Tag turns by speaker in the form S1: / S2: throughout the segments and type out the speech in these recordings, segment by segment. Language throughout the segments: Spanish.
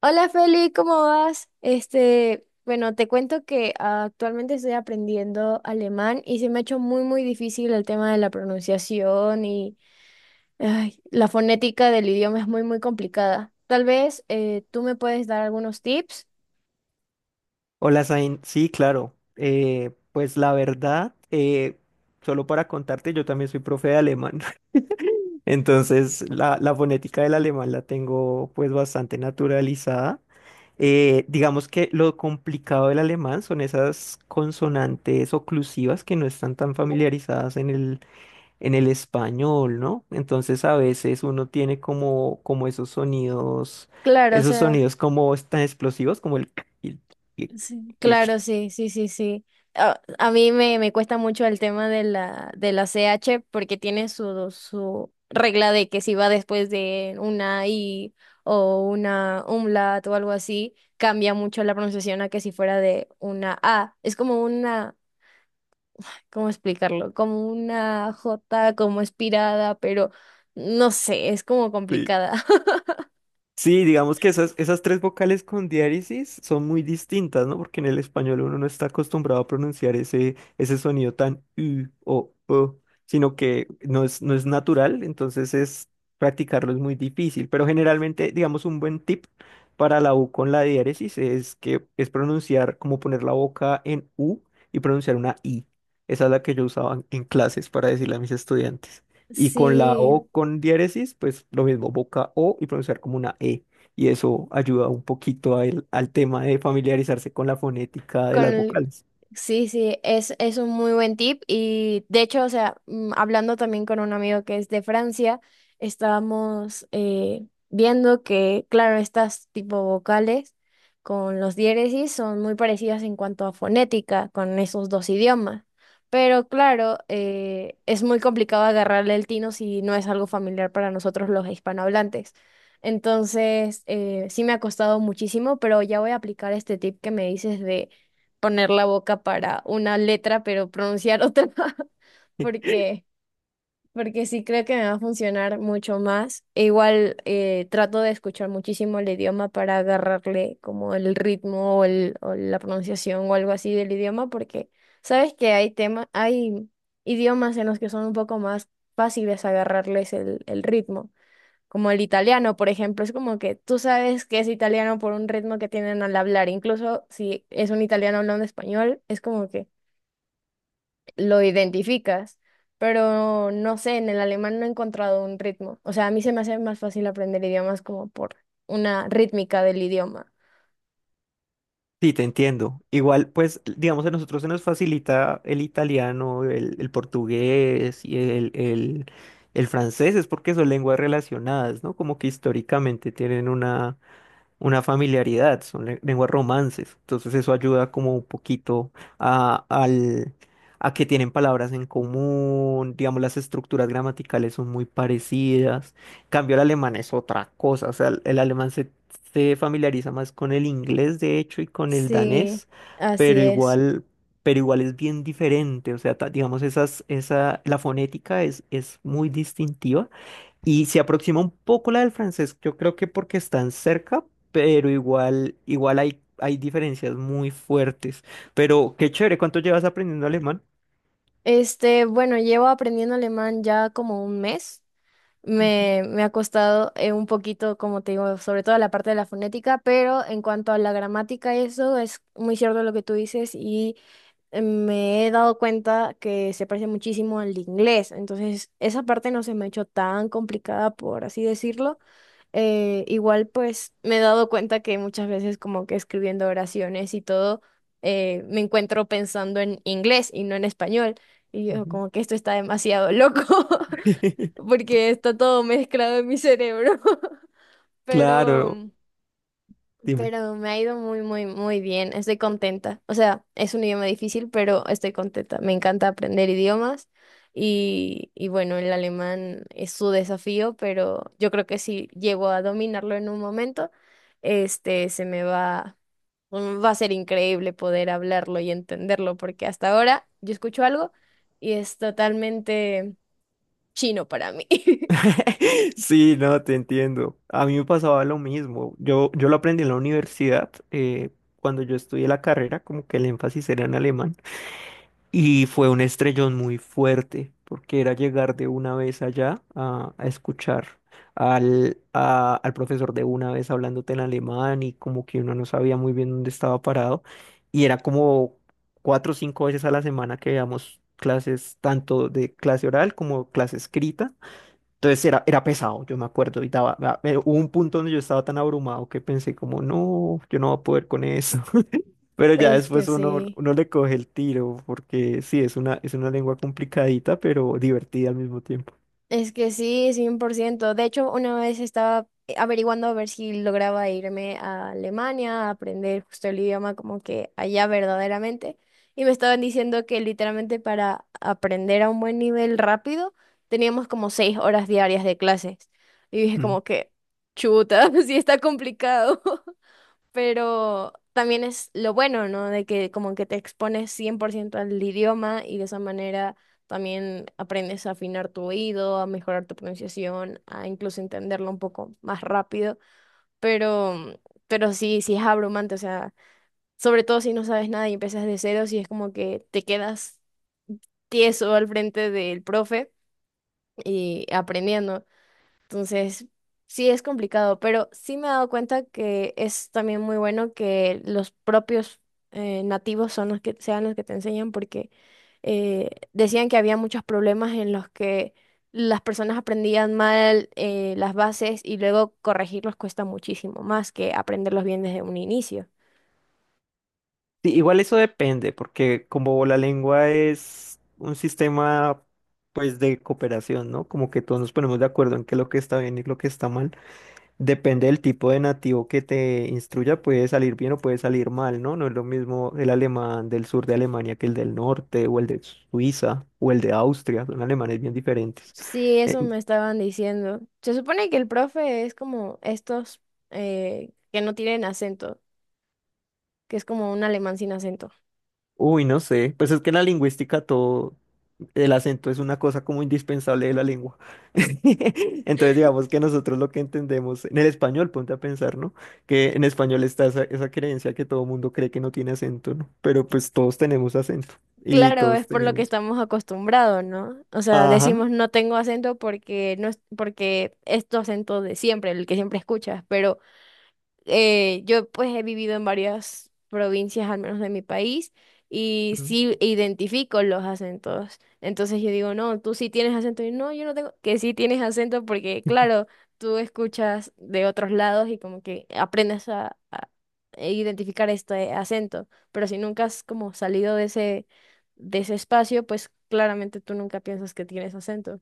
S1: Hola Feli, ¿cómo vas? Este, bueno, te cuento que actualmente estoy aprendiendo alemán y se me ha hecho muy, muy difícil el tema de la pronunciación y ay, la fonética del idioma es muy, muy complicada. Tal vez tú me puedes dar algunos tips.
S2: Hola, Zain. Sí, claro. Pues la verdad, solo para contarte, yo también soy profe de alemán. Entonces, la fonética del alemán la tengo pues bastante naturalizada. Digamos que lo complicado del alemán son esas consonantes oclusivas que no están tan familiarizadas en el español, ¿no? Entonces a veces uno tiene como
S1: Claro, o
S2: esos
S1: sea.
S2: sonidos como tan explosivos como el. y- y-
S1: Sí,
S2: y-
S1: claro, sí, sí, sí, sí. A mí me cuesta mucho el tema de la CH porque tiene su regla de que si va después de una I o una umlaut o algo así, cambia mucho la pronunciación a que si fuera de una A. Es como una, ¿cómo explicarlo? Como una J como espirada, pero no sé, es como
S2: Sí,
S1: complicada.
S2: sí, digamos que esas tres vocales con diéresis son muy distintas, ¿no? Porque en el español uno no está acostumbrado a pronunciar ese sonido tan u o, sino que no es natural, entonces es practicarlo es muy difícil. Pero generalmente, digamos, un buen tip para la U con la diéresis es que es pronunciar, como poner la boca en U y pronunciar una I. Esa es la que yo usaba en clases para decirle a mis estudiantes. Y con la
S1: Sí.
S2: O con diéresis, pues lo mismo, boca O y pronunciar como una E. Y eso ayuda un poquito a al tema de familiarizarse con la fonética de las
S1: Con...
S2: vocales.
S1: Sí, sí, es un muy buen tip y de hecho, o sea, hablando también con un amigo que es de Francia, estábamos viendo que, claro, estas tipo vocales con los diéresis son muy parecidas en cuanto a fonética con esos dos idiomas, pero claro, es muy complicado agarrarle el tino si no es algo familiar para nosotros los hispanohablantes. Entonces, sí me ha costado muchísimo, pero ya voy a aplicar este tip que me dices de poner la boca para una letra, pero pronunciar otra, porque, porque sí creo que me va a funcionar mucho más. E igual trato de escuchar muchísimo el idioma para agarrarle como el ritmo o, el, o la pronunciación o algo así del idioma, porque sabes que hay temas, hay idiomas en los que son un poco más fáciles agarrarles el ritmo como el italiano, por ejemplo, es como que tú sabes que es italiano por un ritmo que tienen al hablar, incluso si es un italiano hablando español, es como que lo identificas, pero no sé, en el alemán no he encontrado un ritmo, o sea, a mí se me hace más fácil aprender idiomas como por una rítmica del idioma.
S2: Sí, te entiendo. Igual, pues, digamos, a nosotros se nos facilita el italiano, el portugués y el francés, es porque son lenguas relacionadas, ¿no? Como que históricamente tienen una familiaridad, son lenguas romances. Entonces eso ayuda como un poquito a, al, a que tienen palabras en común, digamos, las estructuras gramaticales son muy parecidas. En cambio, el alemán es otra cosa, o sea, el alemán se familiariza más con el inglés, de hecho, y con el
S1: Sí,
S2: danés,
S1: así
S2: pero
S1: es.
S2: igual... Pero igual es bien diferente, o sea, digamos, la fonética es muy distintiva y se aproxima un poco la del francés, yo creo que porque están cerca, pero igual hay diferencias muy fuertes. Pero qué chévere, ¿cuánto llevas aprendiendo alemán?
S1: Este, bueno, llevo aprendiendo alemán ya como un mes.
S2: Ujú,
S1: Me ha costado un poquito, como te digo, sobre todo la parte de la fonética, pero en cuanto a la gramática, eso es muy cierto lo que tú dices y me he dado cuenta que se parece muchísimo al inglés, entonces esa parte no se me ha hecho tan complicada, por así decirlo. Igual pues me he dado cuenta que muchas veces como que escribiendo oraciones y todo, me encuentro pensando en inglés y no en español, y yo
S2: ujú.
S1: como que esto está demasiado loco. Porque está todo mezclado en mi cerebro. Pero,
S2: Claro, dime.
S1: pero me ha ido muy, muy, muy bien. Estoy contenta. O sea, es un idioma difícil, pero estoy contenta. Me encanta aprender idiomas y bueno, el alemán es su desafío, pero yo creo que si llego a dominarlo en un momento, este, se me va, mm, va a ser increíble poder hablarlo y entenderlo, porque hasta ahora yo escucho algo y es totalmente chino para mí.
S2: Sí, no, te entiendo. A mí me pasaba lo mismo. Yo lo aprendí en la universidad, cuando yo estudié la carrera, como que el énfasis era en alemán. Y fue un estrellón muy fuerte, porque era llegar de una vez allá a escuchar al profesor de una vez hablándote en alemán y como que uno no sabía muy bien dónde estaba parado. Y era como 4 o 5 veces a la semana que veíamos clases, tanto de clase oral como clase escrita. Entonces era pesado, yo me acuerdo, y hubo un punto donde yo estaba tan abrumado que pensé como, no, yo no voy a poder con eso. Pero ya
S1: Es que
S2: después uno,
S1: sí,
S2: uno le coge el tiro, porque sí, es una lengua complicadita, pero divertida al mismo tiempo.
S1: es que sí, 100%. De hecho, una vez estaba averiguando a ver si lograba irme a Alemania a aprender justo el idioma como que allá verdaderamente. Y me estaban diciendo que literalmente para aprender a un buen nivel rápido teníamos como 6 horas diarias de clases. Y dije
S2: Mm.
S1: como que, chuta, sí está complicado. Pero también es lo bueno, ¿no? De que como que te expones 100% al idioma y de esa manera también aprendes a afinar tu oído, a mejorar tu pronunciación, a incluso entenderlo un poco más rápido, pero, mm, pero sí, sí es abrumante, o sea, sobre todo si no sabes nada y empiezas de cero, sí es como que te quedas tieso al frente del profe y aprendiendo. Entonces, sí es complicado, pero sí me he dado cuenta que es también muy bueno que los propios nativos son los que sean los que te enseñan, porque decían que había muchos problemas en los que las personas aprendían mal las bases y luego corregirlos cuesta muchísimo más que aprenderlos bien desde un inicio.
S2: Sí, igual eso depende, porque como la lengua es un sistema, pues, de cooperación, ¿no? Como que todos nos ponemos de acuerdo en qué es lo que está bien y lo que está mal. Depende del tipo de nativo que te instruya, puede salir bien o puede salir mal, ¿no? No es lo mismo el alemán del sur de Alemania que el del norte, o el de Suiza, o el de Austria, son alemanes bien diferentes.
S1: Sí,
S2: Eh,
S1: eso me estaban diciendo. Se supone que el profe es como estos que no tienen acento, que es como un alemán sin acento.
S2: uy, no sé, pues es que en la lingüística todo, el acento es una cosa como indispensable de la lengua. Entonces digamos que nosotros lo que entendemos en el español, ponte a pensar, ¿no? Que en español está esa creencia que todo mundo cree que no tiene acento, ¿no? Pero pues todos tenemos acento y
S1: Claro,
S2: todos
S1: es por lo que
S2: tenemos.
S1: estamos acostumbrados, ¿no? O sea,
S2: Ajá.
S1: decimos no tengo acento porque no es porque es tu acento de siempre, el que siempre escuchas, pero yo pues he vivido en varias provincias, al menos de mi país, y
S2: Mm.
S1: sí identifico los acentos. Entonces yo digo, no, tú sí tienes acento. Y no, yo no tengo, que sí tienes acento porque, claro, tú escuchas de otros lados y como que aprendes a identificar este acento. Pero si nunca has como salido de ese espacio, pues claramente tú nunca piensas que tienes acento.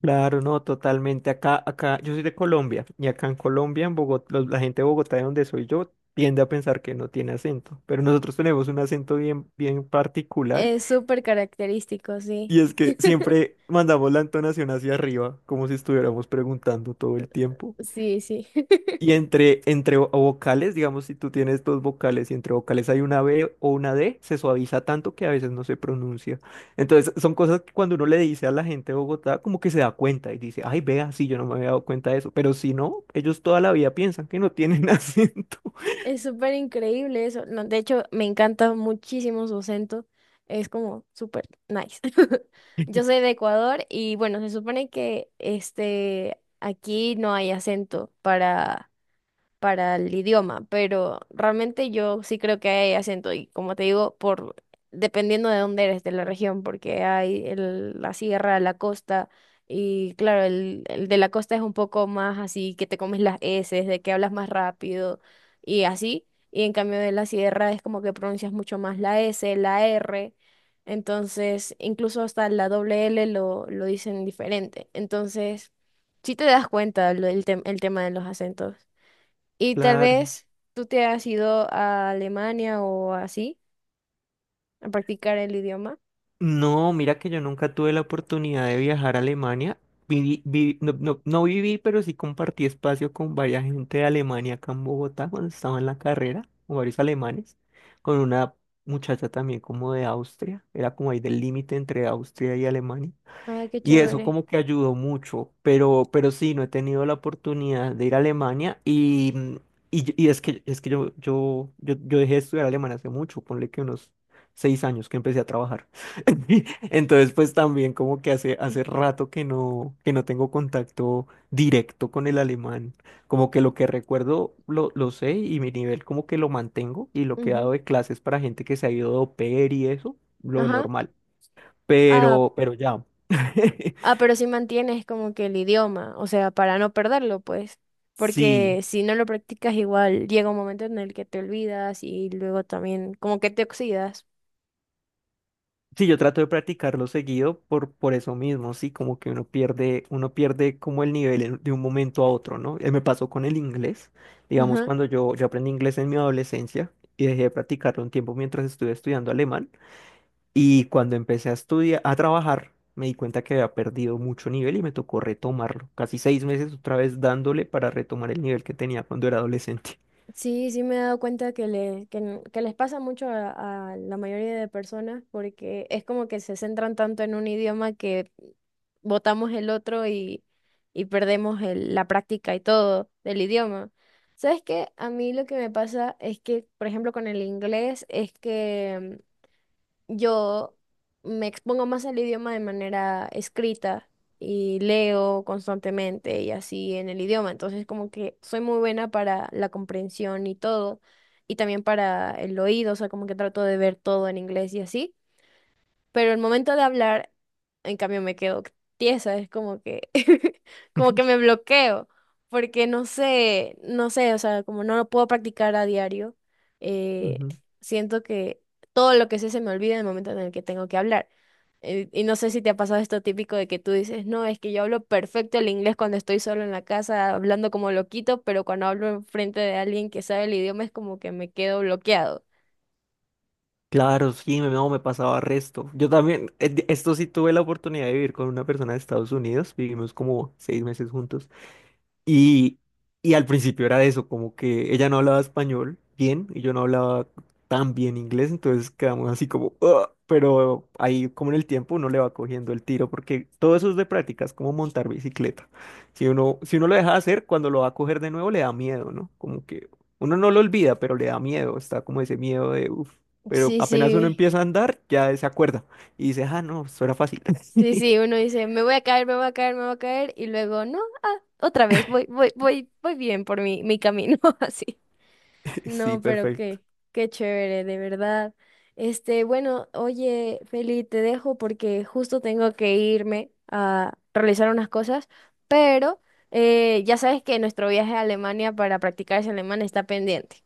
S2: Claro, no, totalmente. Acá, yo soy de Colombia y acá en Colombia, en Bogotá, la gente de Bogotá, de donde soy yo, tiende a pensar que no tiene acento, pero nosotros tenemos un acento bien, bien particular
S1: Es súper característico, sí.
S2: y es que siempre mandamos la entonación hacia arriba, como si estuviéramos preguntando todo el tiempo.
S1: Sí, sí.
S2: Y entre vocales, digamos, si tú tienes dos vocales y entre vocales hay una B o una D, se suaviza tanto que a veces no se pronuncia. Entonces, son cosas que cuando uno le dice a la gente de Bogotá, como que se da cuenta y dice, ay, vea, sí, yo no me había dado cuenta de eso. Pero si no, ellos toda la vida piensan que no tienen acento.
S1: Es súper increíble eso. No, de hecho, me encanta muchísimo su acento. Es como súper nice. Yo soy de Ecuador y bueno, se supone que este aquí no hay acento para el idioma, pero realmente yo sí creo que hay acento y como te digo, por dependiendo de dónde eres, de la región, porque hay la sierra, la costa y claro, el de la costa es un poco más así que te comes las eses, de que hablas más rápido y así, y en cambio de la sierra es como que pronuncias mucho más la S, la R. Entonces, incluso hasta la doble L lo dicen diferente. Entonces, sí te das cuenta el tema de los acentos. Y tal
S2: Claro.
S1: vez tú te has ido a Alemania o así a practicar el idioma.
S2: No, mira que yo nunca tuve la oportunidad de viajar a Alemania. No viví, pero sí compartí espacio con varias gente de Alemania acá en Bogotá cuando estaba en la carrera, con varios alemanes, con una muchacha también como de Austria, era como ahí del límite entre Austria y Alemania.
S1: Ah, qué
S2: Y eso
S1: chévere.
S2: como que ayudó mucho, pero sí, no he tenido la oportunidad de ir a Alemania y, y es que yo dejé de estudiar alemán hace mucho, ponle que unos 6 años que empecé a trabajar. Entonces, pues también como que hace rato que no tengo contacto directo con el alemán. Como que lo que recuerdo lo sé y mi nivel como que lo mantengo y lo que he dado
S1: Ujú.
S2: de clases para gente que se ha ido de au pair y eso, lo
S1: Ajá.
S2: normal.
S1: Ah,
S2: Pero ya.
S1: ah, pero si mantienes como que el idioma, o sea, para no perderlo, pues.
S2: Sí,
S1: Porque si no lo practicas, igual llega un momento en el que te olvidas y luego también como que te oxidas.
S2: sí, yo trato de practicarlo seguido por eso mismo, sí, como que uno pierde como el nivel de un momento a otro, ¿no? Me pasó con el inglés, digamos,
S1: Ajá.
S2: cuando yo aprendí inglés en mi adolescencia y dejé de practicarlo un tiempo mientras estuve estudiando alemán y cuando empecé a estudiar, a trabajar, me di cuenta que había perdido mucho nivel y me tocó retomarlo, casi 6 meses otra vez dándole para retomar el nivel que tenía cuando era adolescente.
S1: Sí, sí me he dado cuenta que, le, que, n- que les pasa mucho a la mayoría de personas porque es como que se centran tanto en un idioma que botamos el otro y perdemos la práctica y todo del idioma. ¿Sabes qué? A mí lo que me pasa es que, por, ejemplo, con el inglés es que yo me expongo más al idioma de manera escrita y leo constantemente y así en el idioma. Entonces, como que soy muy buena para la comprensión y todo, y también para el oído, o sea, como que trato de ver todo en inglés y así. Pero el momento de hablar, en cambio, me quedo tiesa, es como que, como que me bloqueo, porque no sé, no sé, o sea, como no lo puedo practicar a diario, eh,
S2: Ujú.
S1: siento que todo lo que sé se me olvida en el momento en el que tengo que hablar. Y no sé si te ha pasado esto típico de que tú dices, no, es que yo hablo perfecto el inglés cuando estoy solo en la casa hablando como loquito, pero cuando hablo enfrente de alguien que sabe el idioma es como que me quedo bloqueado.
S2: Claro, sí, no, me pasaba resto. Yo también, esto sí tuve la oportunidad de vivir con una persona de Estados Unidos, vivimos como 6 meses juntos. Y, y al principio era eso, como que ella no hablaba español bien y yo no hablaba tan bien inglés, entonces quedamos así como, "Ugh", pero ahí como en el tiempo uno le va cogiendo el tiro, porque todo eso es de práctica, es como montar bicicleta. Si uno lo deja de hacer, cuando lo va a coger de nuevo le da miedo, ¿no? Como que uno no lo olvida, pero le da miedo, está como ese miedo de, uff, pero
S1: Sí,
S2: apenas uno
S1: sí.
S2: empieza a andar, ya se acuerda y dice, ah, no, eso era fácil.
S1: Sí, sí, uno dice, me voy a caer, me voy a caer, me voy a caer, y luego, no, ah, otra vez, voy, voy, voy, voy bien por mi, mi camino, así.
S2: Sí,
S1: No, pero
S2: perfecto.
S1: qué chévere, de verdad. Este, bueno, oye, Feli, te dejo porque justo tengo que irme a realizar unas cosas, pero ya sabes que nuestro viaje a Alemania para practicar ese alemán está pendiente.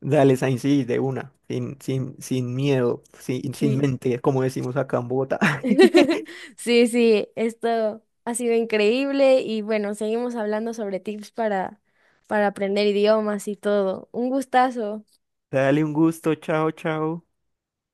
S2: Dale, Sainz, sí, de una, sin miedo, sin
S1: Sí.
S2: mente, como decimos acá en Bogotá.
S1: Sí, sí, esto ha sido increíble y bueno, seguimos hablando sobre tips para aprender idiomas y todo. Un gustazo.
S2: Dale un gusto, chao, chao.